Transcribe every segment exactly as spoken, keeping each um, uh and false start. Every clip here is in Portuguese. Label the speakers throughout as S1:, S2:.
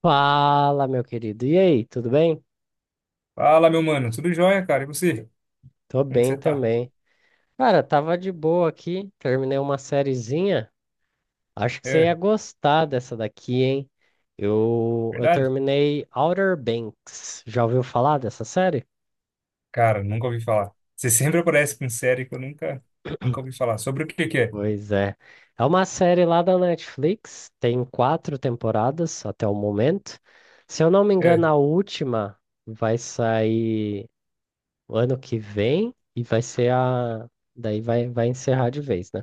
S1: Fala, meu querido. E aí, tudo bem?
S2: Fala, meu mano. Tudo jóia, cara? E você?
S1: Tô
S2: Como que
S1: bem
S2: você tá?
S1: também. Cara, tava de boa aqui, terminei uma sériezinha. Acho que você ia
S2: É,
S1: gostar dessa daqui, hein? Eu, eu
S2: verdade?
S1: terminei Outer Banks. Já ouviu falar dessa série?
S2: Cara, nunca ouvi falar. Você sempre aparece com série que eu nunca, nunca ouvi falar. Sobre o que que é?
S1: Pois é. É uma série lá da Netflix, tem quatro temporadas até o momento. Se eu não me
S2: É,
S1: engano, a última vai sair o ano que vem e vai ser a. Daí vai, vai encerrar de vez, né?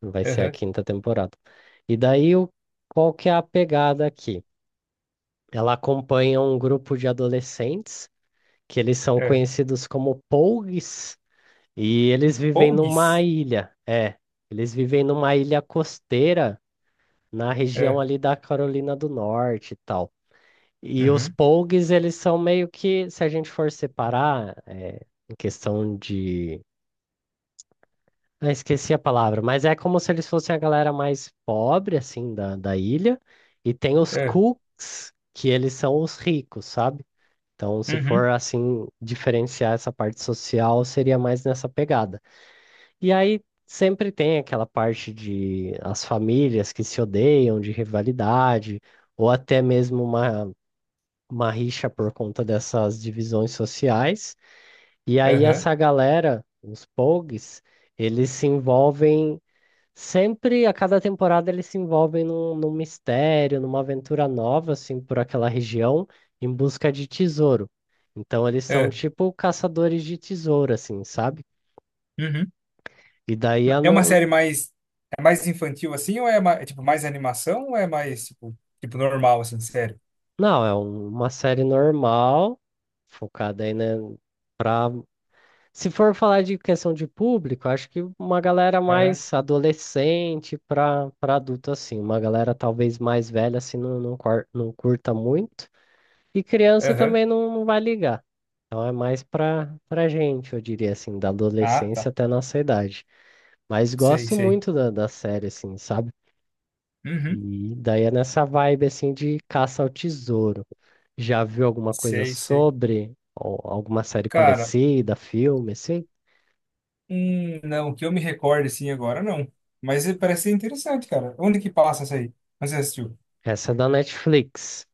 S1: Vai ser a
S2: aham,
S1: quinta temporada. E daí, o, qual que é a pegada aqui? Ela acompanha um grupo de adolescentes que eles são
S2: é.
S1: conhecidos como Pougs e eles vivem numa
S2: Pogues?
S1: ilha. É, eles vivem numa ilha costeira na região
S2: É,
S1: ali da Carolina do Norte e tal. E os
S2: uhum,
S1: Pougs, eles são meio que, se a gente for separar, é, em questão de. Eu esqueci a palavra, mas é como se eles fossem a galera mais pobre, assim, da, da ilha, e tem os
S2: é,
S1: cooks, que eles são os ricos, sabe? Então, se
S2: uhum,
S1: for assim, diferenciar essa parte social, seria mais nessa pegada. E aí sempre tem aquela parte de as famílias que se odeiam, de rivalidade, ou até mesmo uma, uma rixa por conta dessas divisões sociais. E aí
S2: aham,
S1: essa galera, os pogues, eles se envolvem Sempre, a cada temporada, eles se envolvem num, num mistério, numa aventura nova, assim, por aquela região, em busca de tesouro. Então, eles são
S2: é,
S1: tipo caçadores de tesouro, assim, sabe?
S2: uhum.
S1: E daí, a
S2: É
S1: não,
S2: uma série mais, é mais infantil assim ou é, ma- é tipo mais animação ou é mais tipo, tipo normal assim, sério?
S1: não, é um- uma série normal, focada aí, né, pra... se for falar de questão de público, acho que uma galera
S2: Aham,
S1: mais adolescente para para adulto, assim. Uma galera talvez mais velha, assim, não, não, cor- não curta muito. E criança
S2: aham.
S1: também não, não vai ligar. Então é mais pra, pra gente, eu diria assim, da
S2: Ah,
S1: adolescência
S2: tá.
S1: até a nossa idade. Mas
S2: Sei,
S1: gosto
S2: sei.
S1: muito da, da série, assim, sabe?
S2: Uhum,
S1: E daí é nessa vibe, assim, de caça ao tesouro. Já viu alguma coisa
S2: sei, sei.
S1: sobre, ou alguma série
S2: Cara,
S1: parecida, filme, assim?
S2: Hum, não, que eu me recorde assim agora, não. Mas eh, parece ser interessante, cara. Onde que passa essa aí? Onde você assistiu?
S1: Essa é da Netflix.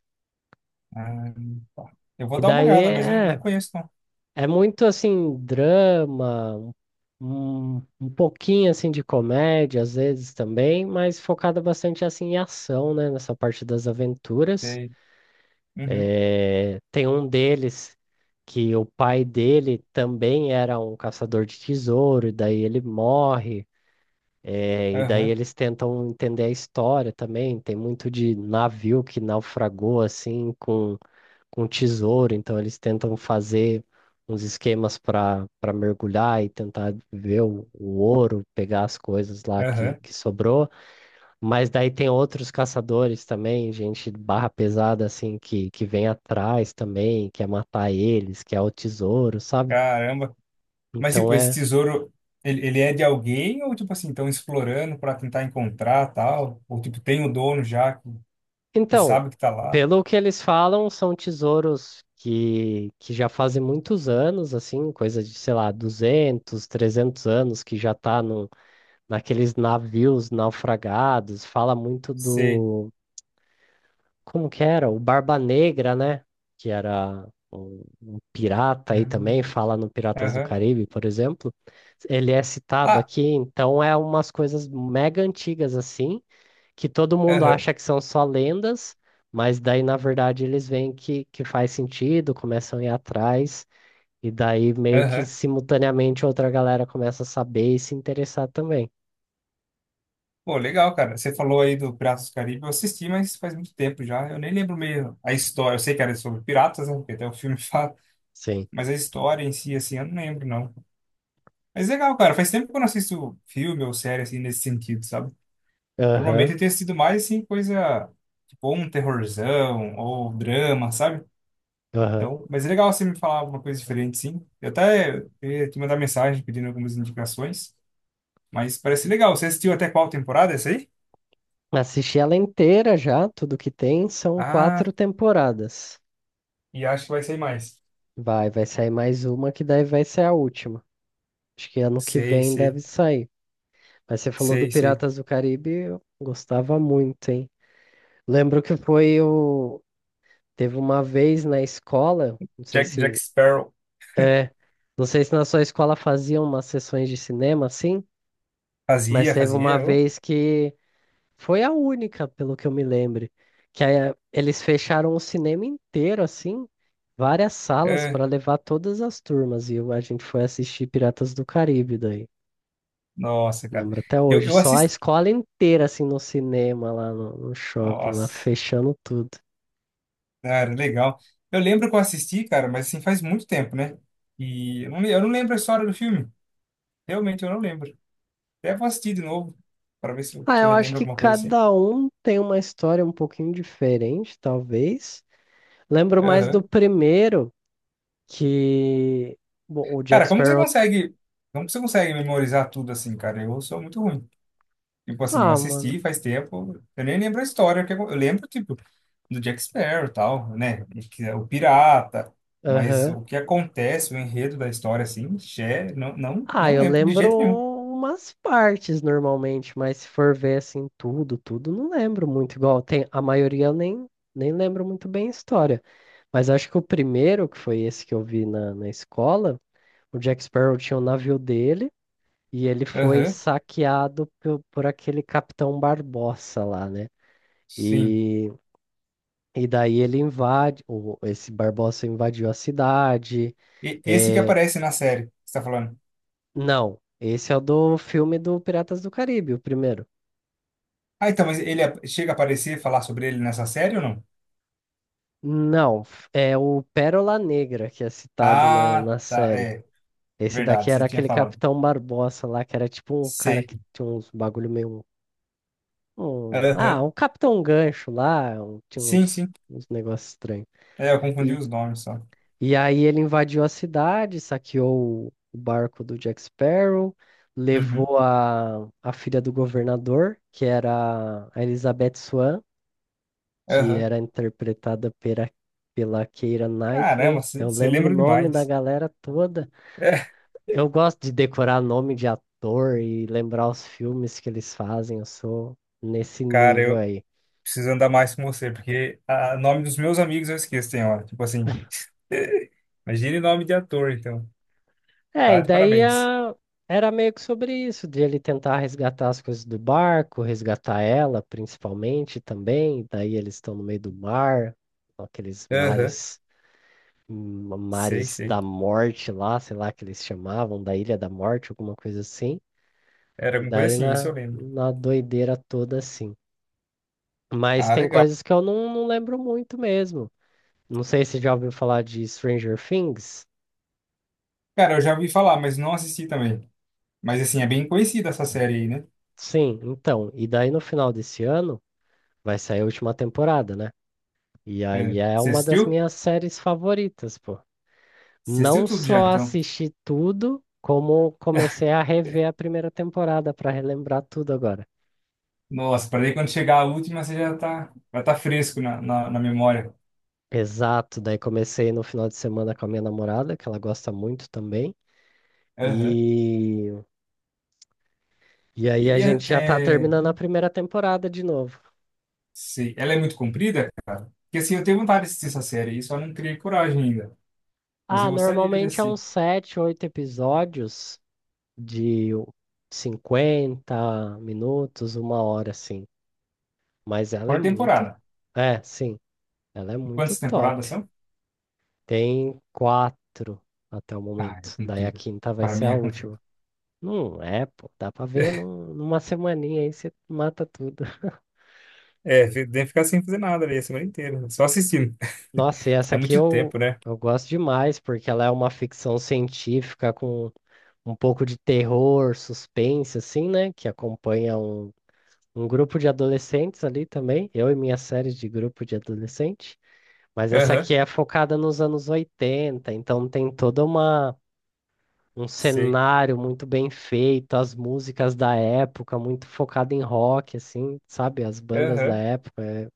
S2: Ah, tá. Eu
S1: E
S2: vou dar uma
S1: daí
S2: olhada, mas não, não
S1: é
S2: conheço, não.
S1: É muito assim, drama, um, um pouquinho assim de comédia às vezes também, mas focada bastante assim em ação, né? Nessa parte das aventuras.
S2: Sei. Uhum,
S1: Eh, tem um deles que o pai dele também era um caçador de tesouro, e daí ele morre. Eh, e daí
S2: aham,
S1: eles tentam entender a história também. Tem muito de navio que naufragou assim com com tesouro, então eles tentam fazer uns esquemas para para mergulhar e tentar ver o, o ouro, pegar as coisas lá que,
S2: aham.
S1: que sobrou. Mas daí tem outros caçadores também, gente barra pesada assim que, que vem atrás também, quer matar eles, quer o tesouro, sabe?
S2: Caramba. Mas,
S1: Então
S2: tipo, esse
S1: é.
S2: tesouro, ele, ele é de alguém ou, tipo assim, estão explorando para tentar encontrar tal? Ou, tipo, tem o dono já que, que
S1: Então,
S2: sabe que tá lá?
S1: pelo que eles falam, são tesouros que, que já fazem muitos anos, assim, coisa de, sei lá, duzentos, trezentos anos que já tá num naqueles navios naufragados, fala muito
S2: Sei.
S1: do, como que era? O Barba Negra, né? Que era um, um pirata aí também,
S2: Hum,
S1: fala no Piratas do
S2: Aham.
S1: Caribe, por exemplo. Ele é citado
S2: Ah,
S1: aqui, então é umas coisas mega antigas assim, que todo mundo
S2: aham,
S1: acha que são só lendas, mas daí na verdade eles veem que, que faz sentido, começam a ir atrás. E daí, meio que
S2: aham.
S1: simultaneamente, outra galera começa a saber e se interessar também.
S2: Pô, legal, cara. Você falou aí do Piratas do Caribe. Eu assisti, mas faz muito tempo já. Eu nem lembro meio a história. Eu sei que era sobre piratas, né? Porque até o filme fala.
S1: Sim.
S2: Mas a história em si, assim, eu não lembro, não. Mas legal, cara. Faz tempo que eu não assisto filme ou série, assim, nesse sentido, sabe? Normalmente
S1: Aham.
S2: eu tenho assistido mais, assim, coisa... Tipo, ou um terrorzão ou drama, sabe?
S1: Aham.
S2: Então, mas é legal você me falar alguma coisa diferente, sim. Eu até ia te mandar mensagem pedindo algumas indicações. Mas parece legal. Você assistiu até qual temporada essa aí?
S1: Assisti ela inteira já, tudo que tem, são
S2: Ah,
S1: quatro temporadas.
S2: e acho que vai sair mais.
S1: Vai, vai sair mais uma que daí vai ser a última. Acho que ano que
S2: Sei,
S1: vem
S2: sei,
S1: deve sair. Mas você falou do
S2: sei, sei.
S1: Piratas do Caribe, eu gostava muito, hein? Lembro que foi o. Teve uma vez na escola, não sei
S2: Jack, Jack
S1: se.
S2: Sparrow
S1: É, não sei se na sua escola faziam umas sessões de cinema assim, mas
S2: fazia,
S1: teve uma
S2: fazia. ô.
S1: vez que. Foi a única, pelo que eu me lembre, que aí, eh, eles fecharam o cinema inteiro, assim, várias salas
S2: É,
S1: para levar todas as turmas, e eu- a gente foi assistir Piratas do Caribe daí.
S2: nossa, cara.
S1: Lembro até
S2: Eu,
S1: hoje,
S2: eu
S1: só a
S2: assisti.
S1: escola inteira, assim, no cinema, lá no, no shopping, lá
S2: Nossa,
S1: fechando tudo.
S2: cara, legal. Eu lembro que eu assisti, cara, mas assim, faz muito tempo, né? E eu não, le- eu não lembro a história do filme. Realmente, eu não lembro. Até vou assistir de novo, para ver se eu,
S1: Ah,
S2: se eu
S1: eu acho
S2: relembro
S1: que
S2: alguma coisa assim.
S1: cada um tem uma história um pouquinho diferente, talvez. Lembro mais do
S2: Aham.
S1: primeiro, que bom, o Jack
S2: Cara, como que você
S1: Sparrow.
S2: consegue. Como que você consegue memorizar tudo assim, cara? Eu sou muito ruim. Tipo assim, eu
S1: Ah, mano.
S2: assisti faz tempo, eu nem lembro a história, que eu eu lembro, tipo, do Jack Sparrow e tal, né? E que é O pirata, mas
S1: Aham.
S2: o que acontece, o enredo da história, assim, xé, não, não,
S1: Ah,
S2: não
S1: eu
S2: lembro de
S1: lembro
S2: jeito nenhum.
S1: umas partes normalmente, mas se for ver assim tudo, tudo, não lembro muito igual. Tem, a maioria eu nem, nem lembro muito bem a história. Mas acho que o primeiro, que foi esse que eu vi na, na escola, o Jack Sparrow tinha o navio dele e ele foi
S2: Aham,
S1: saqueado por, por aquele Capitão Barbossa lá, né?
S2: sim.
S1: E, e daí ele invade, o, esse Barbossa invadiu a cidade.
S2: E esse que
S1: É,
S2: aparece na série, que você tá falando.
S1: não, esse é o do filme do Piratas do Caribe, o primeiro.
S2: Ah, então, mas ele ap- chega a aparecer, e falar sobre ele nessa série ou não?
S1: Não, f- é o Pérola Negra que é citado na,
S2: Ah,
S1: na
S2: tá,
S1: série.
S2: é,
S1: Esse daqui
S2: verdade,
S1: era
S2: você tinha
S1: aquele
S2: falado.
S1: Capitão Barbosa lá, que era tipo um cara
S2: Sei.
S1: que tinha uns bagulho meio. Um, um, ah,
S2: Aham,
S1: um Capitão Gancho lá, um- tinha
S2: sim,
S1: uns,
S2: sim.
S1: uns negócios estranhos.
S2: É, eu confundi
S1: E,
S2: os nomes só.
S1: e aí ele invadiu a cidade, saqueou o o barco do Jack Sparrow,
S2: Uhum,
S1: levou a, a filha do governador, que era a Elizabeth Swan, que
S2: aham.
S1: era interpretada pela, pela Keira
S2: Caramba,
S1: Knightley.
S2: você
S1: Eu
S2: você
S1: lembro o
S2: lembra
S1: nome da
S2: demais.
S1: galera toda.
S2: É,
S1: Eu gosto de decorar nome de ator e lembrar os filmes que eles fazem. Eu sou nesse
S2: cara,
S1: nível
S2: eu
S1: aí.
S2: preciso andar mais com você, porque o nome dos meus amigos eu esqueço, tem hora. Tipo assim, imagine nome de ator, então.
S1: É,
S2: Tá
S1: e
S2: de
S1: daí
S2: parabéns.
S1: a... era meio que sobre isso, de ele tentar resgatar as coisas do barco, resgatar ela principalmente também. Daí eles estão no meio do mar, aqueles
S2: Aham,
S1: mares.
S2: sei,
S1: Mares
S2: sei.
S1: da Morte lá, sei lá que eles chamavam, da Ilha da Morte, alguma coisa assim.
S2: Era
S1: E
S2: alguma coisa
S1: daí
S2: assim, isso eu
S1: na,
S2: lembro.
S1: na doideira toda, assim. Mas
S2: Ah,
S1: tem
S2: legal.
S1: coisas que eu não, não lembro muito mesmo. Não sei se já ouviu falar de Stranger Things.
S2: Cara, eu já ouvi falar, mas não assisti também. Mas assim, é bem conhecida essa série aí, né?
S1: Sim, então. E daí no final desse ano vai sair a última temporada, né? E
S2: É,
S1: aí é
S2: você
S1: uma das
S2: assistiu?
S1: minhas séries favoritas, pô.
S2: Você assistiu
S1: Não
S2: tudo já,
S1: só
S2: então.
S1: assisti tudo, como comecei a rever a primeira temporada pra relembrar tudo agora.
S2: Nossa, para daí quando chegar a última, você já tá, já tá fresco na, na, na memória.
S1: Exato, daí comecei no final de semana com a minha namorada, que ela gosta muito também.
S2: Aham.
S1: E E
S2: E,
S1: aí a
S2: e é,
S1: gente já tá
S2: é,
S1: terminando a primeira temporada de novo.
S2: sei. Ela é muito comprida? Porque assim, eu tenho vontade de assistir essa série e só não criei coragem ainda. Mas eu
S1: Ah,
S2: gostaria de
S1: normalmente é
S2: assistir.
S1: uns sete, oito episódios de cinquenta minutos, uma hora, assim. Mas ela é
S2: Por
S1: muito.
S2: temporada.
S1: É, sim, ela é
S2: E
S1: muito
S2: quantas temporadas
S1: top.
S2: são?
S1: Tem quatro até o
S2: Ah, é
S1: momento. Daí a
S2: comprida.
S1: quinta vai
S2: Para
S1: ser
S2: mim
S1: a
S2: é comprida.
S1: última. Não é, pô. Dá pra ver num- numa semaninha aí você mata tudo.
S2: É, fi- tem que ficar sem fazer nada ali a semana inteira, só assistindo.
S1: Nossa, e essa
S2: É
S1: aqui
S2: muito
S1: eu,
S2: tempo, né?
S1: eu gosto demais, porque ela é uma ficção científica com um pouco de terror, suspense, assim, né? Que acompanha um, um grupo de adolescentes ali também, eu e minha série de grupo de adolescente. Mas essa
S2: Aham,
S1: aqui é focada nos anos oitenta, então tem toda uma. Um
S2: sei.
S1: cenário muito bem feito, as músicas da época, muito focada em rock, assim, sabe? As bandas da
S2: Aham.
S1: época. É.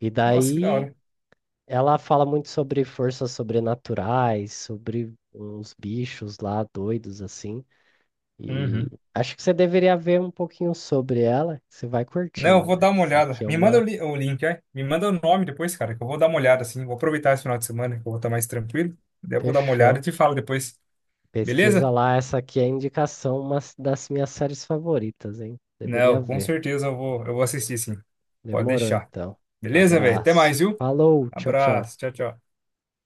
S1: E
S2: Nossa, que da
S1: daí
S2: hora.
S1: ela fala muito sobre forças sobrenaturais, sobre uns bichos lá doidos, assim. E
S2: Uhum.
S1: acho que você deveria ver um pouquinho sobre ela, que você vai curtir,
S2: Não, eu
S1: mano.
S2: vou dar uma
S1: Essa
S2: olhada.
S1: aqui é
S2: Me manda o,
S1: uma.
S2: li- o link, é? Me manda o nome depois, cara, que eu vou dar uma olhada, assim. Vou aproveitar esse final de semana, que eu vou estar mais tranquilo. Daí eu vou dar uma olhada e
S1: Fechou.
S2: te falo depois.
S1: Pesquisa
S2: Beleza?
S1: lá, essa aqui é a indicação, uma s- das minhas séries favoritas, hein? Deveria
S2: Não, com
S1: ver.
S2: certeza eu vou, eu vou assistir sim. Pode
S1: Demorou
S2: deixar.
S1: então.
S2: Beleza, velho? Até
S1: Abraço.
S2: mais, viu?
S1: Falou, tchau, tchau.
S2: Abraço. Tchau, tchau.